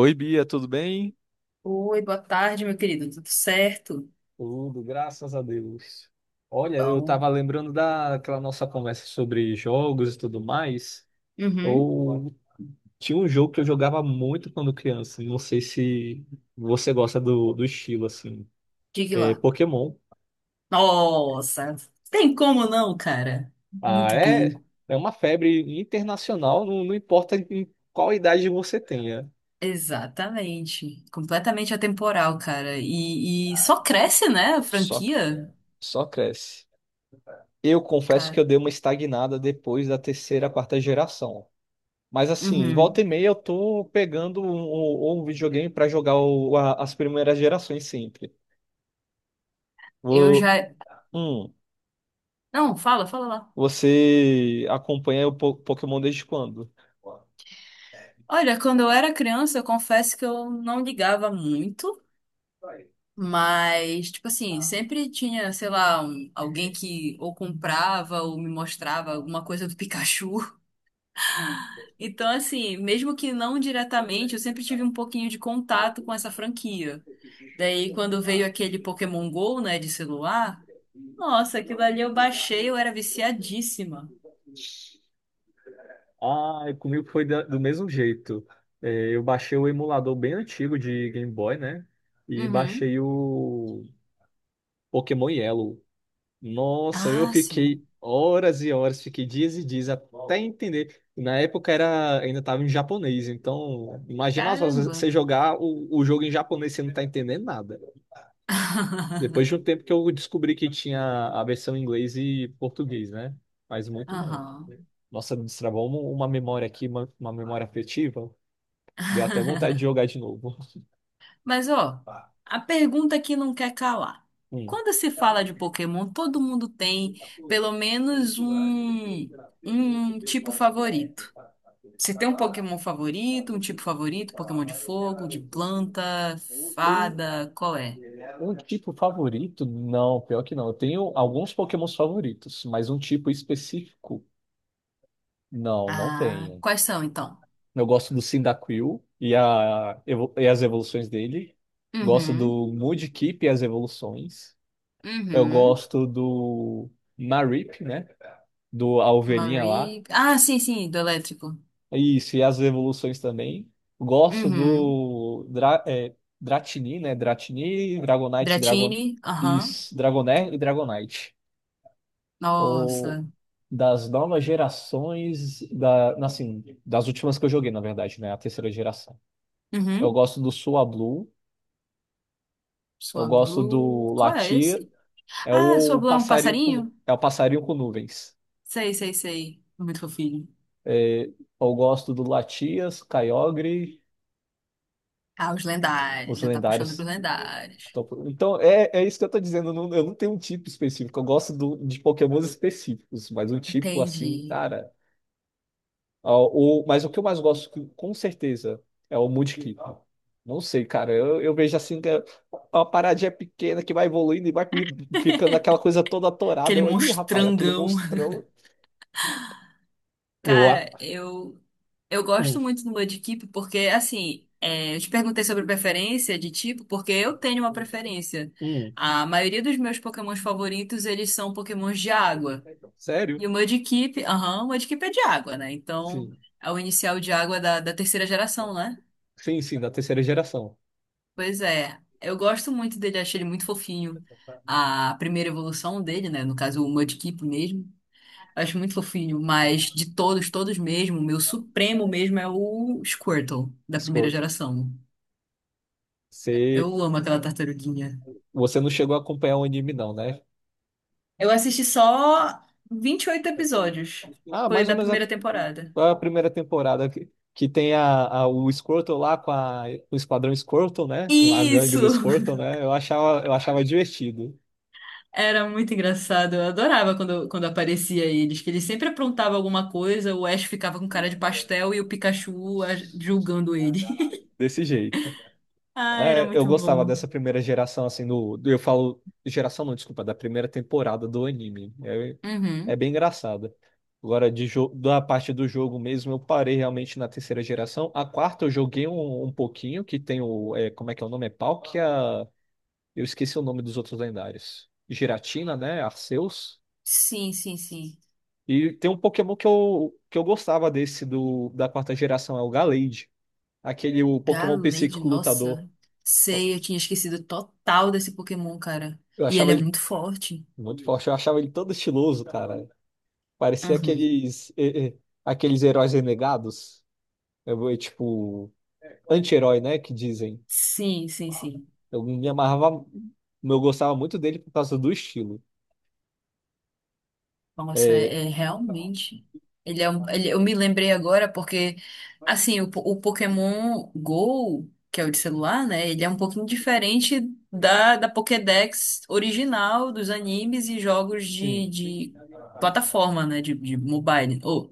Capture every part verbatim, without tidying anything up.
Oi, Bia, tudo bem? Oi, boa tarde, meu querido. Tudo certo? Tudo, graças a Deus. Olha, eu Bom. estava lembrando daquela nossa conversa sobre jogos e tudo mais. Uhum. Ou tinha um jogo que eu jogava muito quando criança. Não sei se você gosta do, do estilo, assim. Diga É lá. Pokémon. Nossa, tem como não, cara? Ah, Muito é, bom. é uma febre internacional, não, não importa em qual idade você tenha. Exatamente. Completamente atemporal, cara. E, e só cresce, né, a Só, franquia, só cresce. Eu confesso que cara. eu dei uma estagnada depois da terceira, quarta geração. Mas assim, volta e Uhum. meia eu tô pegando um, um- um videogame pra jogar o- a- as primeiras gerações sempre. Eu Vou, já. hum, Não, fala, fala lá. você acompanha o Po- Pokémon desde quando? Olha, quando eu era criança, eu confesso que eu não ligava muito. Mas, tipo assim, sempre tinha, sei lá, um- alguém que ou comprava ou me mostrava alguma coisa do Pikachu. Então, assim, mesmo que não diretamente, eu sempre tive um pouquinho de contato com essa franquia. Daí, quando veio aquele Pokémon Go, né, de celular, nossa, aquilo ali eu baixei, eu era viciadíssima. Ah, comigo foi da- do mesmo jeito. É, eu baixei o emulador bem antigo de Game Boy, né? E Uhum. baixei o Pokémon Yellow. Nossa, eu Ah, sim. fiquei horas e horas, fiquei dias e dias até entender. Na época era, ainda estava em japonês, então imagina só Caramba. você jogar o, o jogo em japonês e você não tá entendendo nada. Depois de um tempo que eu descobri que tinha a versão em inglês e português, né? Mas muito bom. Aham. Nossa, me destravou uma uma memória aqui, uma, uma memória afetiva. Deu até vontade de jogar de novo. Mas, ó, a pergunta que não quer calar. Hum. Quando se fala de Pokémon, todo mundo tem pelo menos um, um tipo favorito. Você tem um Pokémon favorito, um tipo favorito, Pokémon de fogo, de planta, fada, qual é? Um tipo favorito? Não, pior que não. Eu tenho alguns Pokémons favoritos, mas um tipo específico. Não, não Ah, tenho. quais são então? Eu gosto do Cyndaquil e, a, evo- e as evoluções dele. Gosto Uhum, do Mudkip e as evoluções. Eu uhum, gosto do Marip, né? Do, a ovelhinha lá. Marie. Ah, sim, sim, do elétrico. Isso, e as evoluções também. Gosto Uhum. do Dra, é, Dratini, né? Dratini, Dragonite, Dragon, Dratini, aham. isso, Dragonair e Dragonite. Ou Nossa. das novas gerações, da, assim, das últimas que eu joguei, na verdade, né? A terceira geração. Eu Uhum. gosto do Sua Blue, eu Sua gosto Blue. do Qual é Latir, esse? é Ah, sua o Blue é um passarinho com, passarinho? nu- é o passarinho com nuvens. Sei, sei, sei. Muito fofinho. É, eu gosto do Latias, Kyogre, Ah, os lendários. os Já tá puxando pros lendários. lendários. Então, então, é, é isso que eu tô dizendo, eu não, eu não tenho um tipo específico, eu gosto do- de Pokémons específicos, mas um tipo assim, Entendi. cara. Ah, o, mas o que eu mais gosto, que- com certeza, é o Moonkick. Não sei, cara. Eu, eu vejo assim que é uma paradinha pequena que vai evoluindo e vai fi- ficando aquela coisa toda atorada. Aquele Eu, Ih, rapaz, aquele monstrangão. monstrão. Eu, Cara, a- eu eu hum, gosto muito do Mudkip porque, assim, é, eu te perguntei sobre preferência de tipo, porque eu tenho uma preferência. hum. A maioria dos meus Pokémons favoritos, eles são Pokémons de água. Sério? E o Mudkip, aham, o Mudkip é de água, né? Então, Sim. é o inicial de água da, da terceira geração, né? Sim, sim, da terceira geração. Pois é, eu gosto muito dele, achei ele muito fofinho. A primeira evolução dele, né? No caso, o Mudkip mesmo. Acho muito fofinho, mas de todos, todos mesmo, o meu supremo mesmo é o Squirtle, da primeira Escorto. geração. Você, Eu amo aquela tartaruguinha. você não chegou a acompanhar o anime, não, né? Eu assisti só vinte e oito episódios. Ah, Foi mais ou da menos primeira temporada. a, a primeira temporada que, que tem a, a- o Squirtle lá com a- o Esquadrão Squirtle, né? A gangue do Isso! Squirtle, né? Eu achava, eu achava divertido Era muito engraçado. Eu adorava quando, quando aparecia eles, que eles sempre aprontavam alguma coisa, o Ash ficava com cara de pastel e o Pikachu ah, julgando ele. desse jeito. Ah, era Né? Eu muito gostava bom. dessa primeira geração, assim, do, do- eu falo geração não, desculpa, da primeira temporada do anime. É, é Uhum. bem engraçado. Agora, de jo- da parte do jogo mesmo, eu parei realmente na terceira geração. A quarta eu joguei um, um pouquinho, que tem o, é, como é que é o nome? É Palkia? Eu esqueci o nome dos outros lendários. Giratina, né? Arceus. Sim, sim, sim. E tem um Pokémon que eu, que eu gostava desse do, da quarta geração, é o Gallade. Aquele o Pokémon Gallade, psíquico lutador. nossa. Eu, Sei, eu tinha esquecido total desse Pokémon, cara. eu E ele achava é ele muito forte. muito forte, eu achava ele todo estiloso, cara. Parecia Uhum. aqueles, eh, eh, aqueles heróis renegados. Eu, vou, tipo, anti-herói, né? Que dizem. Sim, sim, sim. Eu me amarrava, eu gostava muito dele por causa do estilo. Nossa, é, é realmente. Ele é um, ele- eu me lembrei agora porque, assim, o, po- o Pokémon Go, que é o de celular, né? Ele é um pouquinho diferente da, da Pokédex original dos animes e jogos de, Sim, de plataforma, né? De, de mobile, ou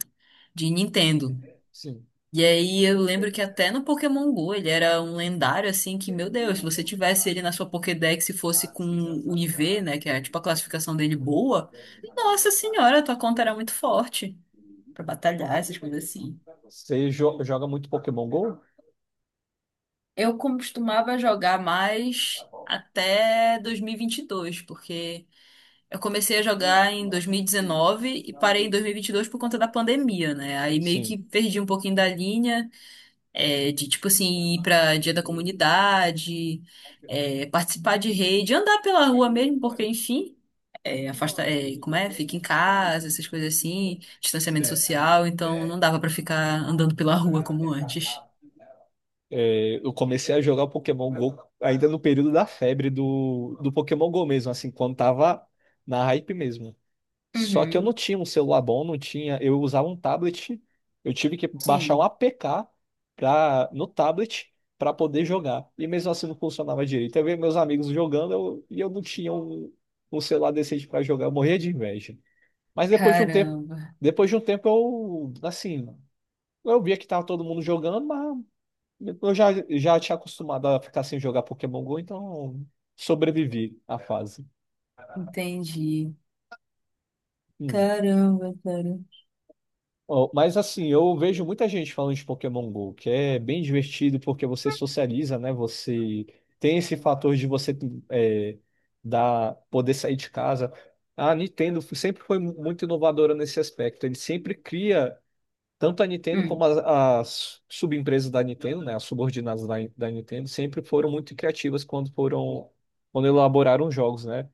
de Nintendo. sim. E aí eu lembro que até no Pokémon Go ele era um lendário assim que, meu Deus, se você tivesse ele na sua Pokédex e fosse com o I V, né, que é tipo a classificação dele boa, nossa senhora, tua conta era muito forte pra batalhar, essas coisas assim. Você jo- joga muito Pokémon Go? Eu costumava jogar mais até dois mil e vinte e dois, porque eu comecei a jogar em dois mil e dezenove e dezenove e parei em dois mil e vinte e dois por conta da pandemia, né? Aí meio que Sim. perdi um pouquinho da linha. É, de tipo assim, ir pra dia da comunidade, é, participar de rede, andar pela rua mesmo, porque enfim, é, afasta, é, como é? Fica em casa, essas coisas assim, Sim. distanciamento social, então não dava pra ficar andando pela rua como antes. É, eu comecei a jogar o Pokémon Go ainda no período da febre do, do Pokémon Go mesmo, assim, quando tava na hype mesmo. Só que eu não Uhum. tinha um celular bom, não tinha. Eu usava um tablet, eu tive que baixar um Sim. A P K pra, no tablet para poder jogar. E mesmo assim não funcionava direito. Eu via meus amigos jogando eu- e eu não tinha um, um celular decente para jogar, eu morria de inveja. Mas depois de um tempo, Caramba, depois de um tempo eu, assim, eu via que tava todo mundo jogando, mas. Eu já, já tinha acostumado a ficar sem jogar Pokémon Go, então sobrevivi à fase. entendi. Hum. Caramba, cara. Ó, mas assim, eu vejo muita gente falando de Pokémon Go, que é bem divertido porque você socializa, né? Você tem esse fator de você é, dar, poder sair de casa. A Nintendo sempre foi mu- muito inovadora nesse aspecto. Ele sempre cria. Tanto a Nintendo como Hum. as, as subempresas da Nintendo, né, as subordinadas da, da Nintendo, sempre foram muito criativas quando foram, quando elaboraram jogos, né?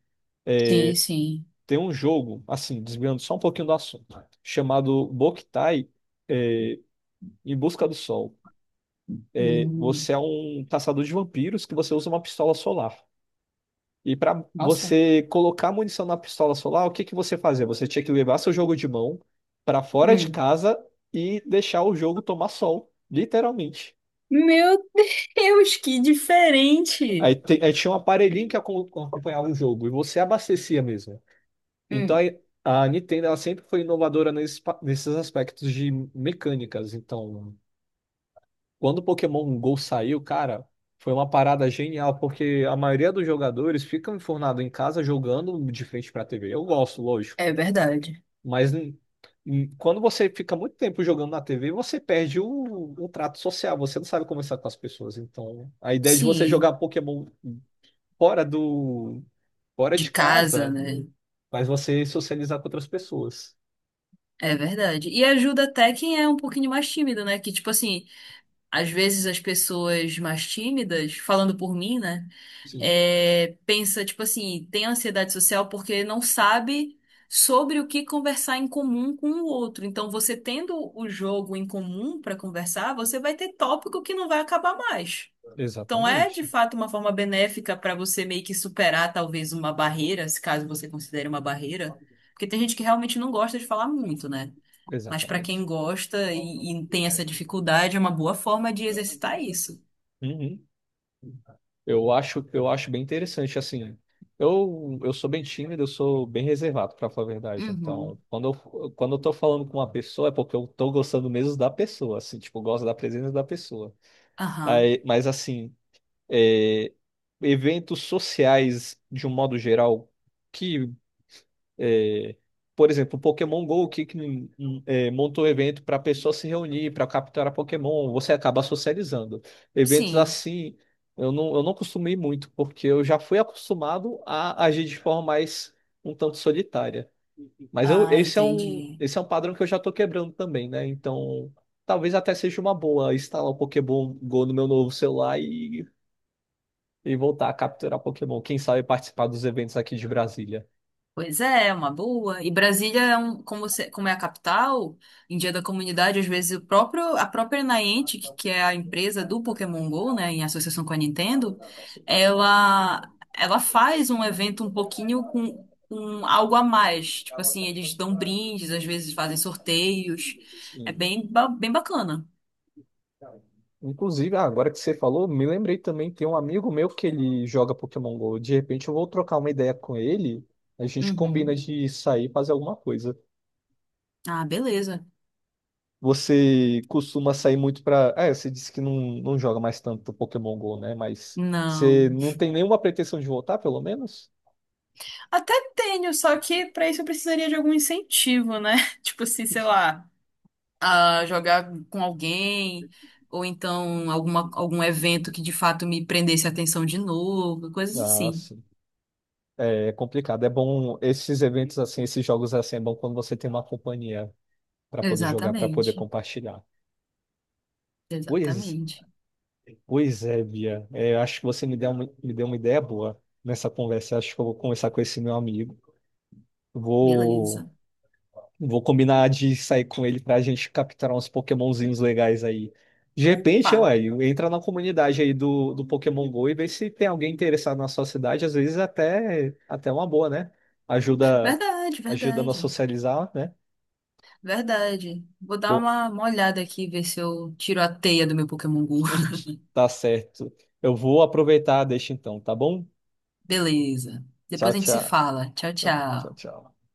Sim, sim. Tem um jogo, assim, desviando só um pouquinho do assunto, chamado Boktai, eh, Em Busca do Sol. É, Hum. você é um caçador de vampiros que você usa uma pistola solar. E para Nossa. você colocar munição na pistola solar, o que que você fazia? Você tinha que levar seu jogo de mão para fora de Hum. casa e deixar o jogo tomar sol, literalmente. Meu Deus, que diferente! Aí, te- aí tinha um aparelhinho que acom- acompanhava o jogo e você abastecia mesmo. Então Hum. aí, a Nintendo ela sempre foi inovadora nesses, pa- nesses aspectos de mecânicas. Então, quando o Pokémon Go saiu, cara, foi uma parada genial, porque a maioria dos jogadores ficam enfurnados em casa jogando de frente para a tê vê. Eu gosto, lógico, É verdade. mas n- n- quando você fica muito tempo jogando na tê vê, você perde o, o trato social, você não sabe conversar com as pessoas. Então, a ideia de você Sim. jogar Pokémon fora do fora De de casa, casa né? faz você socializar com outras pessoas. É verdade. E ajuda até quem é um pouquinho mais tímido, né? Que, tipo assim, às vezes as pessoas mais tímidas, falando por mim, né? Sim, É, pensa, tipo assim, tem ansiedade social porque não sabe sobre o que conversar em comum com o outro. Então, você tendo o jogo em comum para conversar, você vai ter tópico que não vai acabar mais. Então é de exatamente, fato uma forma benéfica para você meio que superar talvez uma barreira, se caso você considere uma barreira, porque tem gente que realmente não gosta de falar muito, né? Mas para quem exatamente. gosta e, e tem essa dificuldade, é uma boa forma de exercitar isso. Uhum. Eu acho, eu acho bem interessante, assim. Eu, eu sou bem tímido, eu sou bem reservado, para falar a verdade. Uhum. Então, quando eu, quando eu tô falando com uma pessoa, é porque eu tô gostando mesmo da pessoa, assim, tipo, eu gosto da presença da pessoa. Aham. Aí, mas, assim, é, eventos sociais, de um modo geral, que é, por exemplo, o Pokémon Go que, que hum, é, montou um evento para pessoas se reunir, para capturar Pokémon, você acaba socializando. Eventos Sim. assim, eu não, eu não costumo ir muito, porque eu já fui acostumado a agir de forma mais um tanto solitária. Mas eu, Ah, esse é um, entendi. esse é um padrão que eu já estou quebrando também, né? Então, talvez até seja uma boa instalar o Pokémon Go no meu novo celular e, e voltar a capturar Pokémon. Quem sabe participar dos eventos aqui de Brasília. Pois é. É uma boa. E Brasília é um, como, se- como é a capital, em Dia da Comunidade, às vezes o próprio, a própria Niantic, que que é a empresa do Pokémon Go, né, em associação com a Nintendo, ela, ela faz um evento um pouquinho com, com algo a mais. Tipo assim, eles dão brindes, às vezes fazem sorteios. É Sim. bem, ba- bem bacana. Inclusive, ah, agora que você falou, me lembrei também, tem um amigo meu que ele joga Pokémon Go. De repente eu vou trocar uma ideia com ele, a gente combina Uhum. de sair e fazer alguma coisa. Ah, beleza. Você costuma sair muito pra. Ah, é, você disse que não, não joga mais tanto Pokémon Go, né? Mas Não. você não tem nenhuma pretensão de voltar, pelo menos? Até tenho, só que para isso eu precisaria de algum incentivo, né? Tipo assim, sei lá. A jogar com alguém, ou então alguma, algum evento que de fato me prendesse a atenção de novo, coisas Ah, assim. sim. É complicado. É bom esses eventos assim, esses jogos assim, é bom quando você tem uma companhia para poder jogar, para poder Exatamente, compartilhar. Pois é. exatamente. Pois é, Bia. É, eu acho que você me deu uma, me deu uma ideia boa nessa conversa. Eu acho que eu vou conversar com esse meu amigo. Vou, Beleza. vou combinar de sair com ele para a gente capturar uns Pokémonzinhos legais aí. De Opa, repente, ué, entra na comunidade aí do, do Pokémon Go e vê se tem alguém interessado na sua cidade. Às vezes até até uma boa, né? Ajuda verdade, ajuda a nós verdade, socializar, né? verdade. Vou dar Bom, uma, uma olhada aqui, ver se eu tiro a teia do meu Pokémon Go. tá certo. Eu vou aproveitar, deixa então, tá bom? Beleza. Tchau, Depois a gente se tchau. fala. Tchau, Tá bom, tchau, tchau. tchau.